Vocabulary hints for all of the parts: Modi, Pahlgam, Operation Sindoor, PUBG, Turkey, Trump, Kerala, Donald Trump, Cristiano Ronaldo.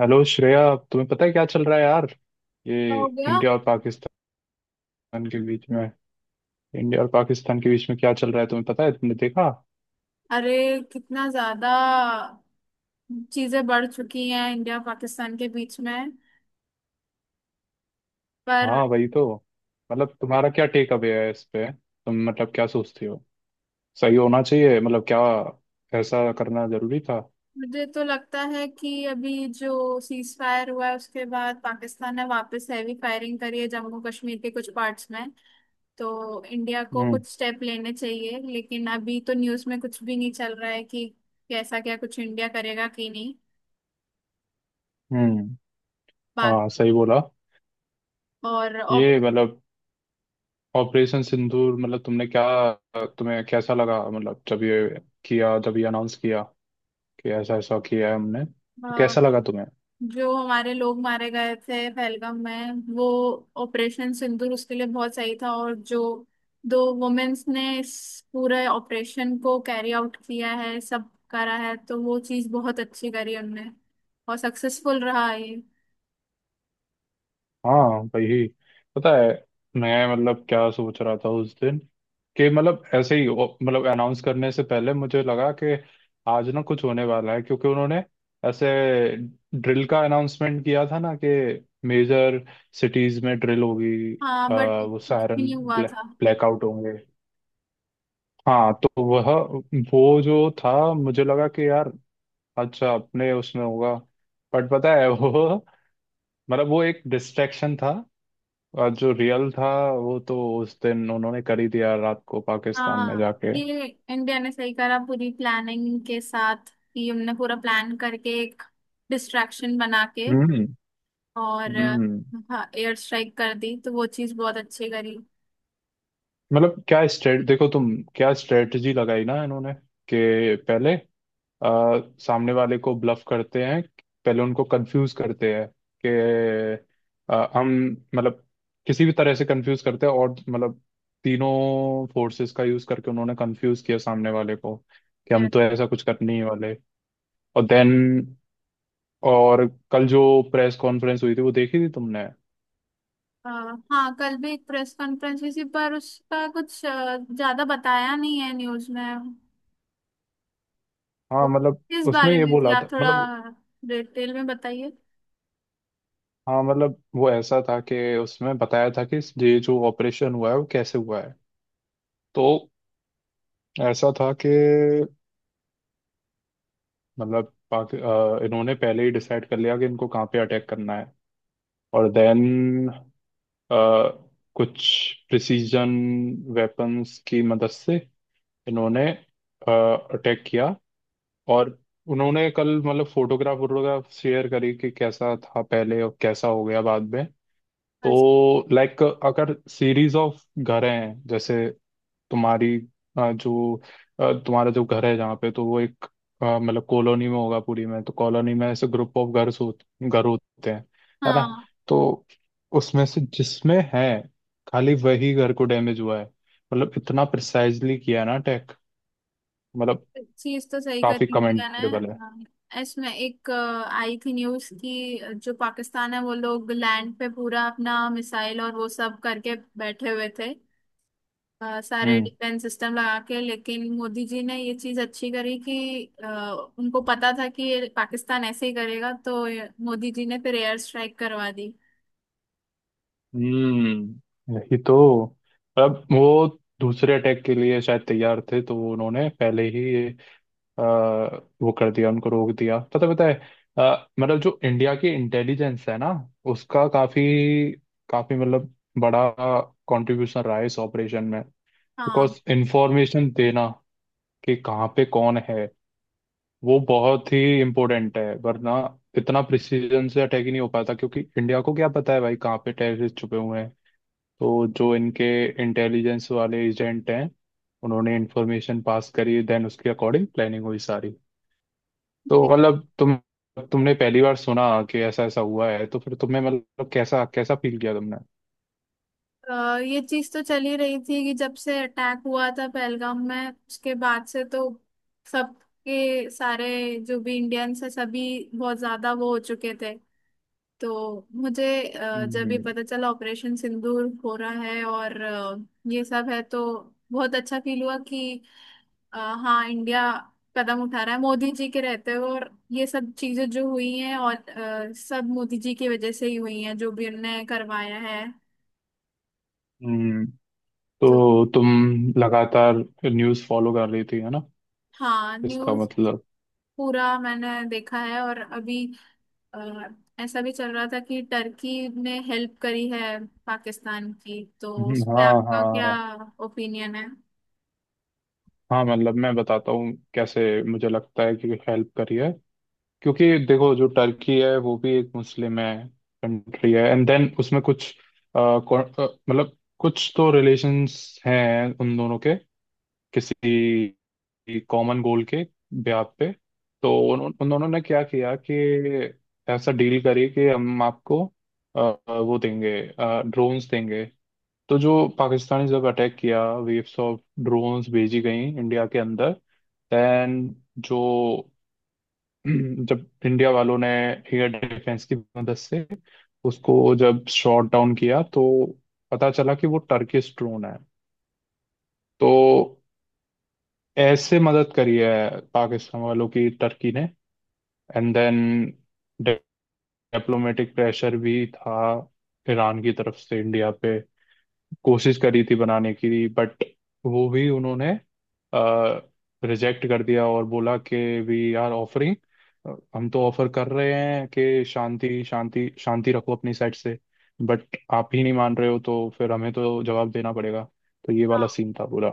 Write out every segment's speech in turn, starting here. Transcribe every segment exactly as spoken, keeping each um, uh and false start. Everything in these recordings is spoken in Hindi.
हेलो श्रेया। तुम्हें पता है क्या चल रहा है, यार? ये क्या हो गया। इंडिया और पाकिस्तान के बीच में इंडिया और पाकिस्तान के बीच में क्या चल रहा है, तुम्हें पता है? तुमने देखा? अरे कितना ज्यादा चीजें बढ़ चुकी हैं इंडिया पाकिस्तान के बीच में। पर हाँ, वही तो। मतलब तुम्हारा क्या टेक अवे है इस पे? तुम मतलब क्या सोचती हो? सही होना चाहिए मतलब, क्या ऐसा करना जरूरी था? मुझे तो लगता है कि अभी जो सीज फायर हुआ है उसके बाद पाकिस्तान ने वापस हैवी फायरिंग करी है जम्मू कश्मीर के कुछ पार्ट्स में। तो इंडिया को हम्म। कुछ स्टेप लेने चाहिए लेकिन अभी तो न्यूज़ में कुछ भी नहीं चल रहा है कि कैसा क्या कुछ इंडिया करेगा कि नहीं हम्म। बात। हाँ, सही बोला। और ये मतलब ऑपरेशन सिंदूर, मतलब तुमने क्या तुम्हें कैसा लगा? मतलब जब ये किया जब ये अनाउंस किया कि ऐसा ऐसा किया है हमने, तो कैसा लगा तुम्हें? जो हमारे लोग मारे गए थे पहलगाम में वो ऑपरेशन सिंदूर उसके लिए बहुत सही था। और जो दो वुमेन्स ने इस पूरे ऑपरेशन को कैरी आउट किया है सब करा है तो वो चीज बहुत अच्छी करी उनने और सक्सेसफुल रहा ये। हाँ, वही। पता है, मैं मतलब क्या सोच रहा था उस दिन कि मतलब ऐसे ही ओ- मतलब अनाउंस करने से पहले मुझे लगा कि आज ना कुछ होने वाला है क्योंकि उन्होंने ऐसे ड्रिल का अनाउंसमेंट किया था ना, कि मेजर सिटीज में ड्रिल होगी, हाँ अ, बट वो कुछ भी सायरन नहीं हुआ ब्लै, था। ब्लैकआउट होंगे। हाँ, तो वह वो जो था, मुझे लगा कि यार, अच्छा अपने उसमें होगा। बट पता है वो मतलब वो एक डिस्ट्रैक्शन था। आज जो रियल था वो तो उस दिन उन्होंने कर ही दिया, रात को पाकिस्तान में हाँ जाके। ये इंडिया ने सही करा पूरी प्लानिंग के साथ कि हमने पूरा प्लान करके एक डिस्ट्रैक्शन बना के हम्म। और अ, हम्म। हाँ एयर स्ट्राइक कर दी तो वो चीज बहुत अच्छी करी। मतलब क्या स्ट्रेट देखो तुम, क्या स्ट्रेटजी लगाई ना इन्होंने? कि पहले आ, सामने वाले को ब्लफ करते हैं, पहले उनको कंफ्यूज करते हैं कि आ, हम मतलब किसी भी तरह से कंफ्यूज करते हैं, और मतलब तीनों फोर्सेस का यूज करके उन्होंने कंफ्यूज किया सामने वाले को कि ये, हम तो ऐसा कुछ कर नहीं वाले। और देन और कल जो प्रेस कॉन्फ्रेंस हुई थी वो देखी थी तुमने? अ, हाँ कल भी एक प्रेस कॉन्फ्रेंस हुई थी पर उसका कुछ अ, ज्यादा बताया नहीं है न्यूज में। वो हाँ मतलब किस उसमें बारे ये में थी बोला आप था थोड़ा मतलब। डिटेल में बताइए। हाँ, मतलब वो ऐसा था कि उसमें बताया था कि ये जो ऑपरेशन हुआ है वो कैसे हुआ है। तो ऐसा था कि मतलब पाक अ, इन्होंने पहले ही डिसाइड कर लिया कि इनको कहाँ पे अटैक करना है, और देन कुछ प्रिसीजन वेपन्स की मदद से इन्होंने अटैक किया। और उन्होंने कल, मतलब, फोटोग्राफ वोटोग्राफ शेयर करी कि कैसा था पहले और कैसा हो गया बाद में। अच्छा, तो लाइक, अगर सीरीज ऑफ घर हैं जैसे तुम्हारी, अ, जो अ, तुम्हारा जो घर है जहाँ पे, तो वो एक अ, मतलब कॉलोनी में होगा पूरी में, तो कॉलोनी में ऐसे ग्रुप ऑफ घर हो घर होते हैं, है ना? हाँ तो उसमें से जिसमें है, खाली वही घर को डैमेज हुआ है। मतलब इतना प्रिसाइजली किया है ना अटैक, मतलब चीज तो सही काफी करी इंडिया ने, कमेंडेबल है। हाँ। इसमें एक अ, आई थी न्यूज की जो पाकिस्तान है वो लोग लैंड पे पूरा अपना मिसाइल और वो सब करके बैठे हुए थे। अ, सारे हम्म। डिफेंस सिस्टम लगा के लेकिन मोदी जी ने ये चीज अच्छी करी कि अ, उनको पता था कि ये पाकिस्तान ऐसे ही करेगा तो ये- मोदी जी ने फिर एयर स्ट्राइक करवा दी। हम्म, यही तो। अब वो दूसरे अटैक के लिए शायद तैयार थे, तो उन्होंने पहले ही ये अ, वो कर दिया, उनको रोक दिया। पता पता है, अ, मतलब जो इंडिया की इंटेलिजेंस है ना, उसका काफी काफी मतलब बड़ा कंट्रीब्यूशन रहा है इस ऑपरेशन में। हाँ बिकॉज इंफॉर्मेशन देना कि कहाँ पे कौन है वो बहुत ही इम्पोर्टेंट है, वरना इतना प्रिसीजन से अटैक ही नहीं हो पाता, क्योंकि इंडिया को क्या पता है भाई कहाँ पे टेररिस्ट छुपे हुए हैं? तो जो इनके इंटेलिजेंस वाले एजेंट हैं, उन्होंने इंफॉर्मेशन पास करी, देन उसके अकॉर्डिंग प्लानिंग हुई सारी। तो दे- मतलब तुम तुमने पहली बार सुना कि ऐसा ऐसा हुआ है, तो फिर तुम्हें मतलब कैसा कैसा फील किया तुमने? अ, ये चीज तो चल ही रही थी कि जब से अटैक हुआ था पहलगाम में उसके बाद से तो सबके सारे जो भी इंडियंस है सभी बहुत ज्यादा वो हो चुके थे। तो मुझे अ, जब ये हम्म। पता चला ऑपरेशन सिंदूर हो रहा है और अ, ये सब है तो बहुत अच्छा फील हुआ कि अ, हाँ इंडिया कदम उठा रहा है मोदी जी के रहते हुए और ये सब चीजें जो हुई हैं और अ, सब मोदी जी की वजह से ही हुई हैं जो भी उनने करवाया है। हम्म। तो तो तुम लगातार न्यूज़ फॉलो कर रही थी, है ना? हाँ इसका न्यूज मतलब। पूरा मैंने देखा है और अभी अ, ऐसा भी चल रहा था कि टर्की ने हेल्प करी है पाकिस्तान की, तो हम्म, उस पे हाँ आपका हाँ क्या हाँ। ओपिनियन है। हाँ मतलब मैं बताता हूँ कैसे, मुझे लगता है कि हेल्प करी है, क्योंकि देखो, जो टर्की है वो भी एक मुस्लिम है, कंट्री है। एंड देन उसमें कुछ अ, कौ- अ, मतलब कुछ तो रिलेशंस हैं उन दोनों के, किसी कॉमन गोल के ब्याह पे। तो उन, उन दोनों ने क्या किया कि ऐसा डील करी कि हम आपको अ, अ, वो देंगे, ड्रोन्स देंगे। तो जो पाकिस्तानी, जब अटैक किया, वेव्स ऑफ ड्रोन्स भेजी गई इंडिया के अंदर। देन जो जब इंडिया वालों ने एयर डिफेंस की मदद से उसको जब शॉट डाउन किया, तो पता चला कि वो टर्किश ड्रोन है। तो ऐसे मदद करी है पाकिस्तान वालों की टर्की ने। एंड देन डिप्लोमेटिक प्रेशर भी था ईरान की तरफ से इंडिया पे, कोशिश करी थी बनाने की, बट वो भी उन्होंने रिजेक्ट कर दिया और बोला कि वी आर ऑफरिंग, हम तो ऑफर कर रहे हैं कि शांति शांति शांति रखो अपनी साइड से। बट आप ही नहीं मान रहे हो, तो फिर हमें तो जवाब देना पड़ेगा। तो ये वाला हाँ सीन था पूरा।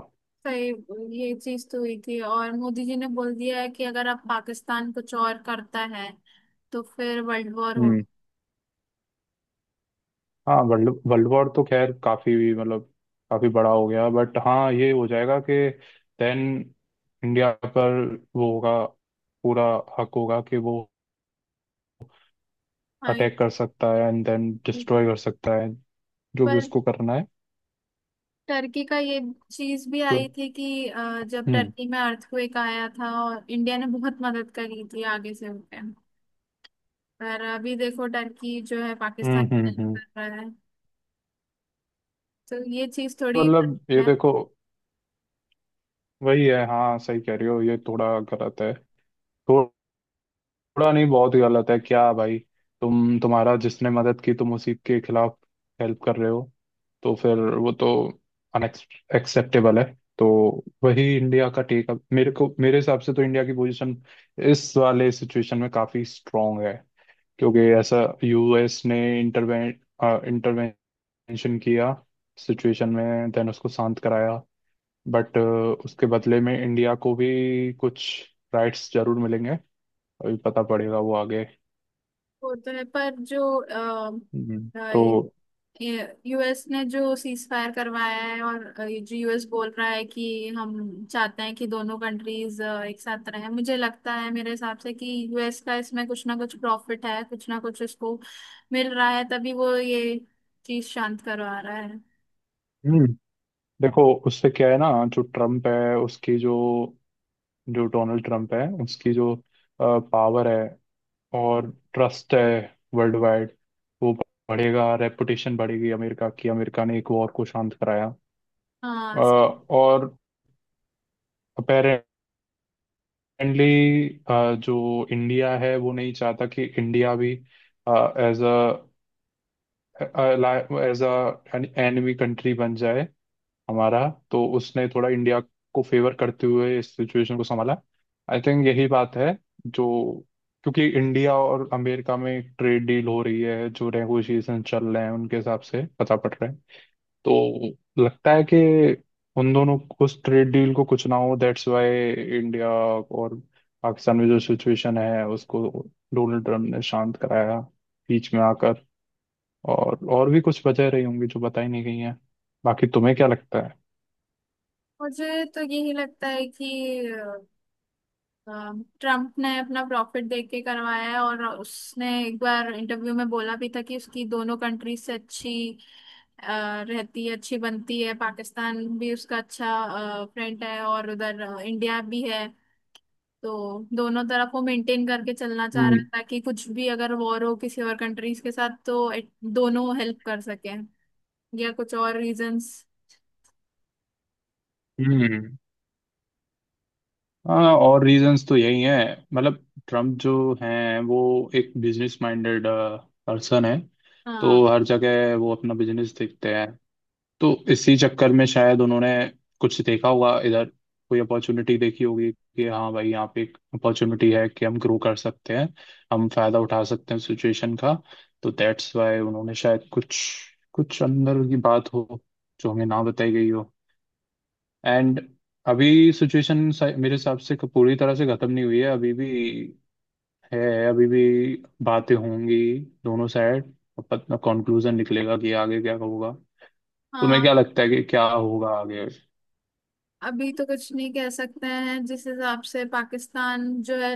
सही ये चीज तो हुई थी और मोदी जी ने बोल दिया है कि अगर आप पाकिस्तान कुछ और करता है तो फिर वर्ल्ड वॉर हो। हम्म। हाँ, वर्ल्ड वर्ल्ड वॉर तो खैर काफी, मतलब काफी बड़ा हो गया, बट हाँ ये हो जाएगा कि देन इंडिया पर वो होगा, पूरा हक होगा कि वो हाँ ये अटैक कर सकता है एंड देन है। डिस्ट्रॉय कर सकता है, जो भी पर उसको करना है। टर्की का ये चीज भी तो आई थी कि अ, जब हम्म, टर्की में अर्थक्वेक आया था और इंडिया ने बहुत मदद करी थी आगे से होके। पर अभी देखो टर्की जो है पाकिस्तान हम्म, हम्म, की हेल्प हम्म, कर रहा है तो ये चीज थोड़ी मतलब ये देखो, वही है, हाँ सही कह रही हो, ये थोड़ा गलत है। थोड़ा नहीं, बहुत ही गलत है, क्या भाई! तुम तुम्हारा जिसने मदद की, तुम उसी के खिलाफ हेल्प कर रहे हो? तो फिर वो तो अनएक्सेप्टेबल है। तो वही इंडिया का टेक, मेरे को, मेरे हिसाब से तो इंडिया की पोजीशन इस वाले सिचुएशन में काफी स्ट्रांग है, क्योंकि ऐसा, यूएस ने इंटरवें इंटरवेंशन किया सिचुएशन में, देन उसको शांत कराया, बट उसके बदले में इंडिया को भी कुछ राइट्स जरूर मिलेंगे, अभी पता पड़ेगा वो आगे। वो तो है। पर जो अ, हम्म, अ, तो ये यूएस ने जो सीज फायर करवाया है और अ, ये जो यूएस बोल रहा है कि हम चाहते हैं कि दोनों कंट्रीज एक साथ रहें, मुझे लगता है मेरे हिसाब से कि यूएस का इसमें कुछ ना कुछ प्रॉफिट है, कुछ ना कुछ उसको मिल रहा है तभी वो ये चीज शांत करवा रहा है। हम्म, देखो उससे क्या है ना, जो ट्रम्प है उसकी जो जो डोनाल्ड ट्रम्प है उसकी जो पावर है हम्म, और ट्रस्ट है, वर्ल्ड वाइड, वो बढ़ेगा, रेपुटेशन बढ़ेगी अमेरिका की, अमेरिका ने एक वॉर को शांत कराया। अ, हाँ और अपेरेंटली जो इंडिया है वो नहीं चाहता कि इंडिया भी as a as a enemy country बन जाए हमारा, तो उसने थोड़ा इंडिया को फेवर करते हुए इस सिचुएशन को संभाला। आई थिंक यही बात है जो, क्योंकि इंडिया और अमेरिका में ट्रेड डील हो रही है, जो नेगोशिएशन चल रहे हैं उनके हिसाब से पता पड़ रहा है। तो लगता है कि उन दोनों, उस ट्रेड डील को कुछ ना हो, दैट्स वाई इंडिया और पाकिस्तान में जो सिचुएशन है उसको डोनाल्ड ट्रम्प ने शांत कराया बीच में आकर। और और भी कुछ वजह रही होंगी जो बताई नहीं गई हैं। बाकी तुम्हें क्या लगता है? मुझे तो यही लगता है कि ट्रम्प ने अपना प्रॉफिट देख के करवाया है। और उसने एक बार इंटरव्यू में बोला भी था कि उसकी दोनों कंट्रीज से अच्छी अ, रहती है, अच्छी बनती है। पाकिस्तान भी उसका अच्छा फ्रेंड है और उधर अ, इंडिया भी है। तो दोनों तरफ वो मेंटेन करके चलना चाह रहा है हम्म। ताकि कुछ भी अगर वॉर हो किसी और कंट्रीज के साथ तो it- दोनों हेल्प कर सकें या कुछ और रीजंस। हम्म। हाँ, और रीजंस तो यही हैं, मतलब ट्रम्प जो हैं वो एक बिजनेस माइंडेड पर्सन है, तो हाँ हर जगह वो अपना बिजनेस देखते हैं। तो इसी चक्कर में शायद उन्होंने कुछ देखा होगा इधर, कोई अपॉर्चुनिटी देखी होगी कि हाँ भाई यहाँ पे एक अपॉर्चुनिटी है कि हम ग्रो कर सकते हैं, हम फायदा उठा सकते हैं सिचुएशन का। तो दैट्स वाई उन्होंने शायद कुछ कुछ अंदर की बात हो, जो हमें ना बताई गई हो। एंड अभी सिचुएशन मेरे हिसाब से क- पूरी तरह से खत्म नहीं हुई है, अभी भी है, अभी भी बातें होंगी दोनों साइड, अपना कंक्लूजन निकलेगा कि आगे क्या होगा। तुम्हें हाँ क्या लगता है कि क्या होगा आगे? अभी तो कुछ नहीं कह सकते हैं। जिस हिसाब से पाकिस्तान जो है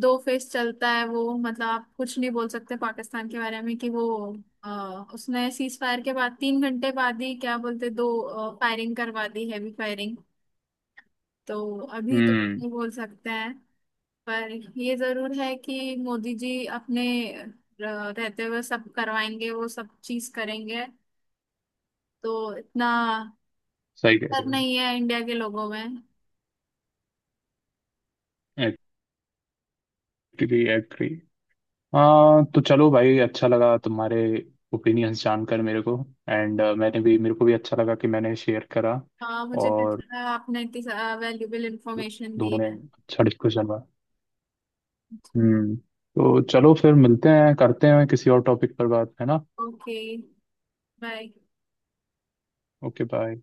दो फेस चलता है वो, मतलब आप कुछ नहीं बोल सकते पाकिस्तान के बारे में कि वो अ, उसने सीज फायर के बाद तीन घंटे बाद ही क्या बोलते दो फायरिंग करवा दी, हैवी फायरिंग। तो अभी तो कुछ हम्म। नहीं बोल सकते हैं। पर ये जरूर है कि मोदी जी अपने अ, रहते हुए सब करवाएंगे, वो सब चीज करेंगे। तो इतना सही कह डर रहे हो। नहीं है इंडिया के लोगों में। Agree, agree. हाँ, तो चलो भाई, अच्छा लगा तुम्हारे ओपिनियंस जानकर मेरे को, एंड मैंने भी, मेरे को भी अच्छा लगा कि मैंने शेयर करा, हाँ मुझे और पता है आपने इतनी वैल्यूबल इंफॉर्मेशन दी दोनों ने है। अच्छा डिस्कशन हुआ। हम्म। तो चलो फिर, मिलते हैं, करते हैं किसी और टॉपिक पर बात, है ना? Okay bye. Okay, bye.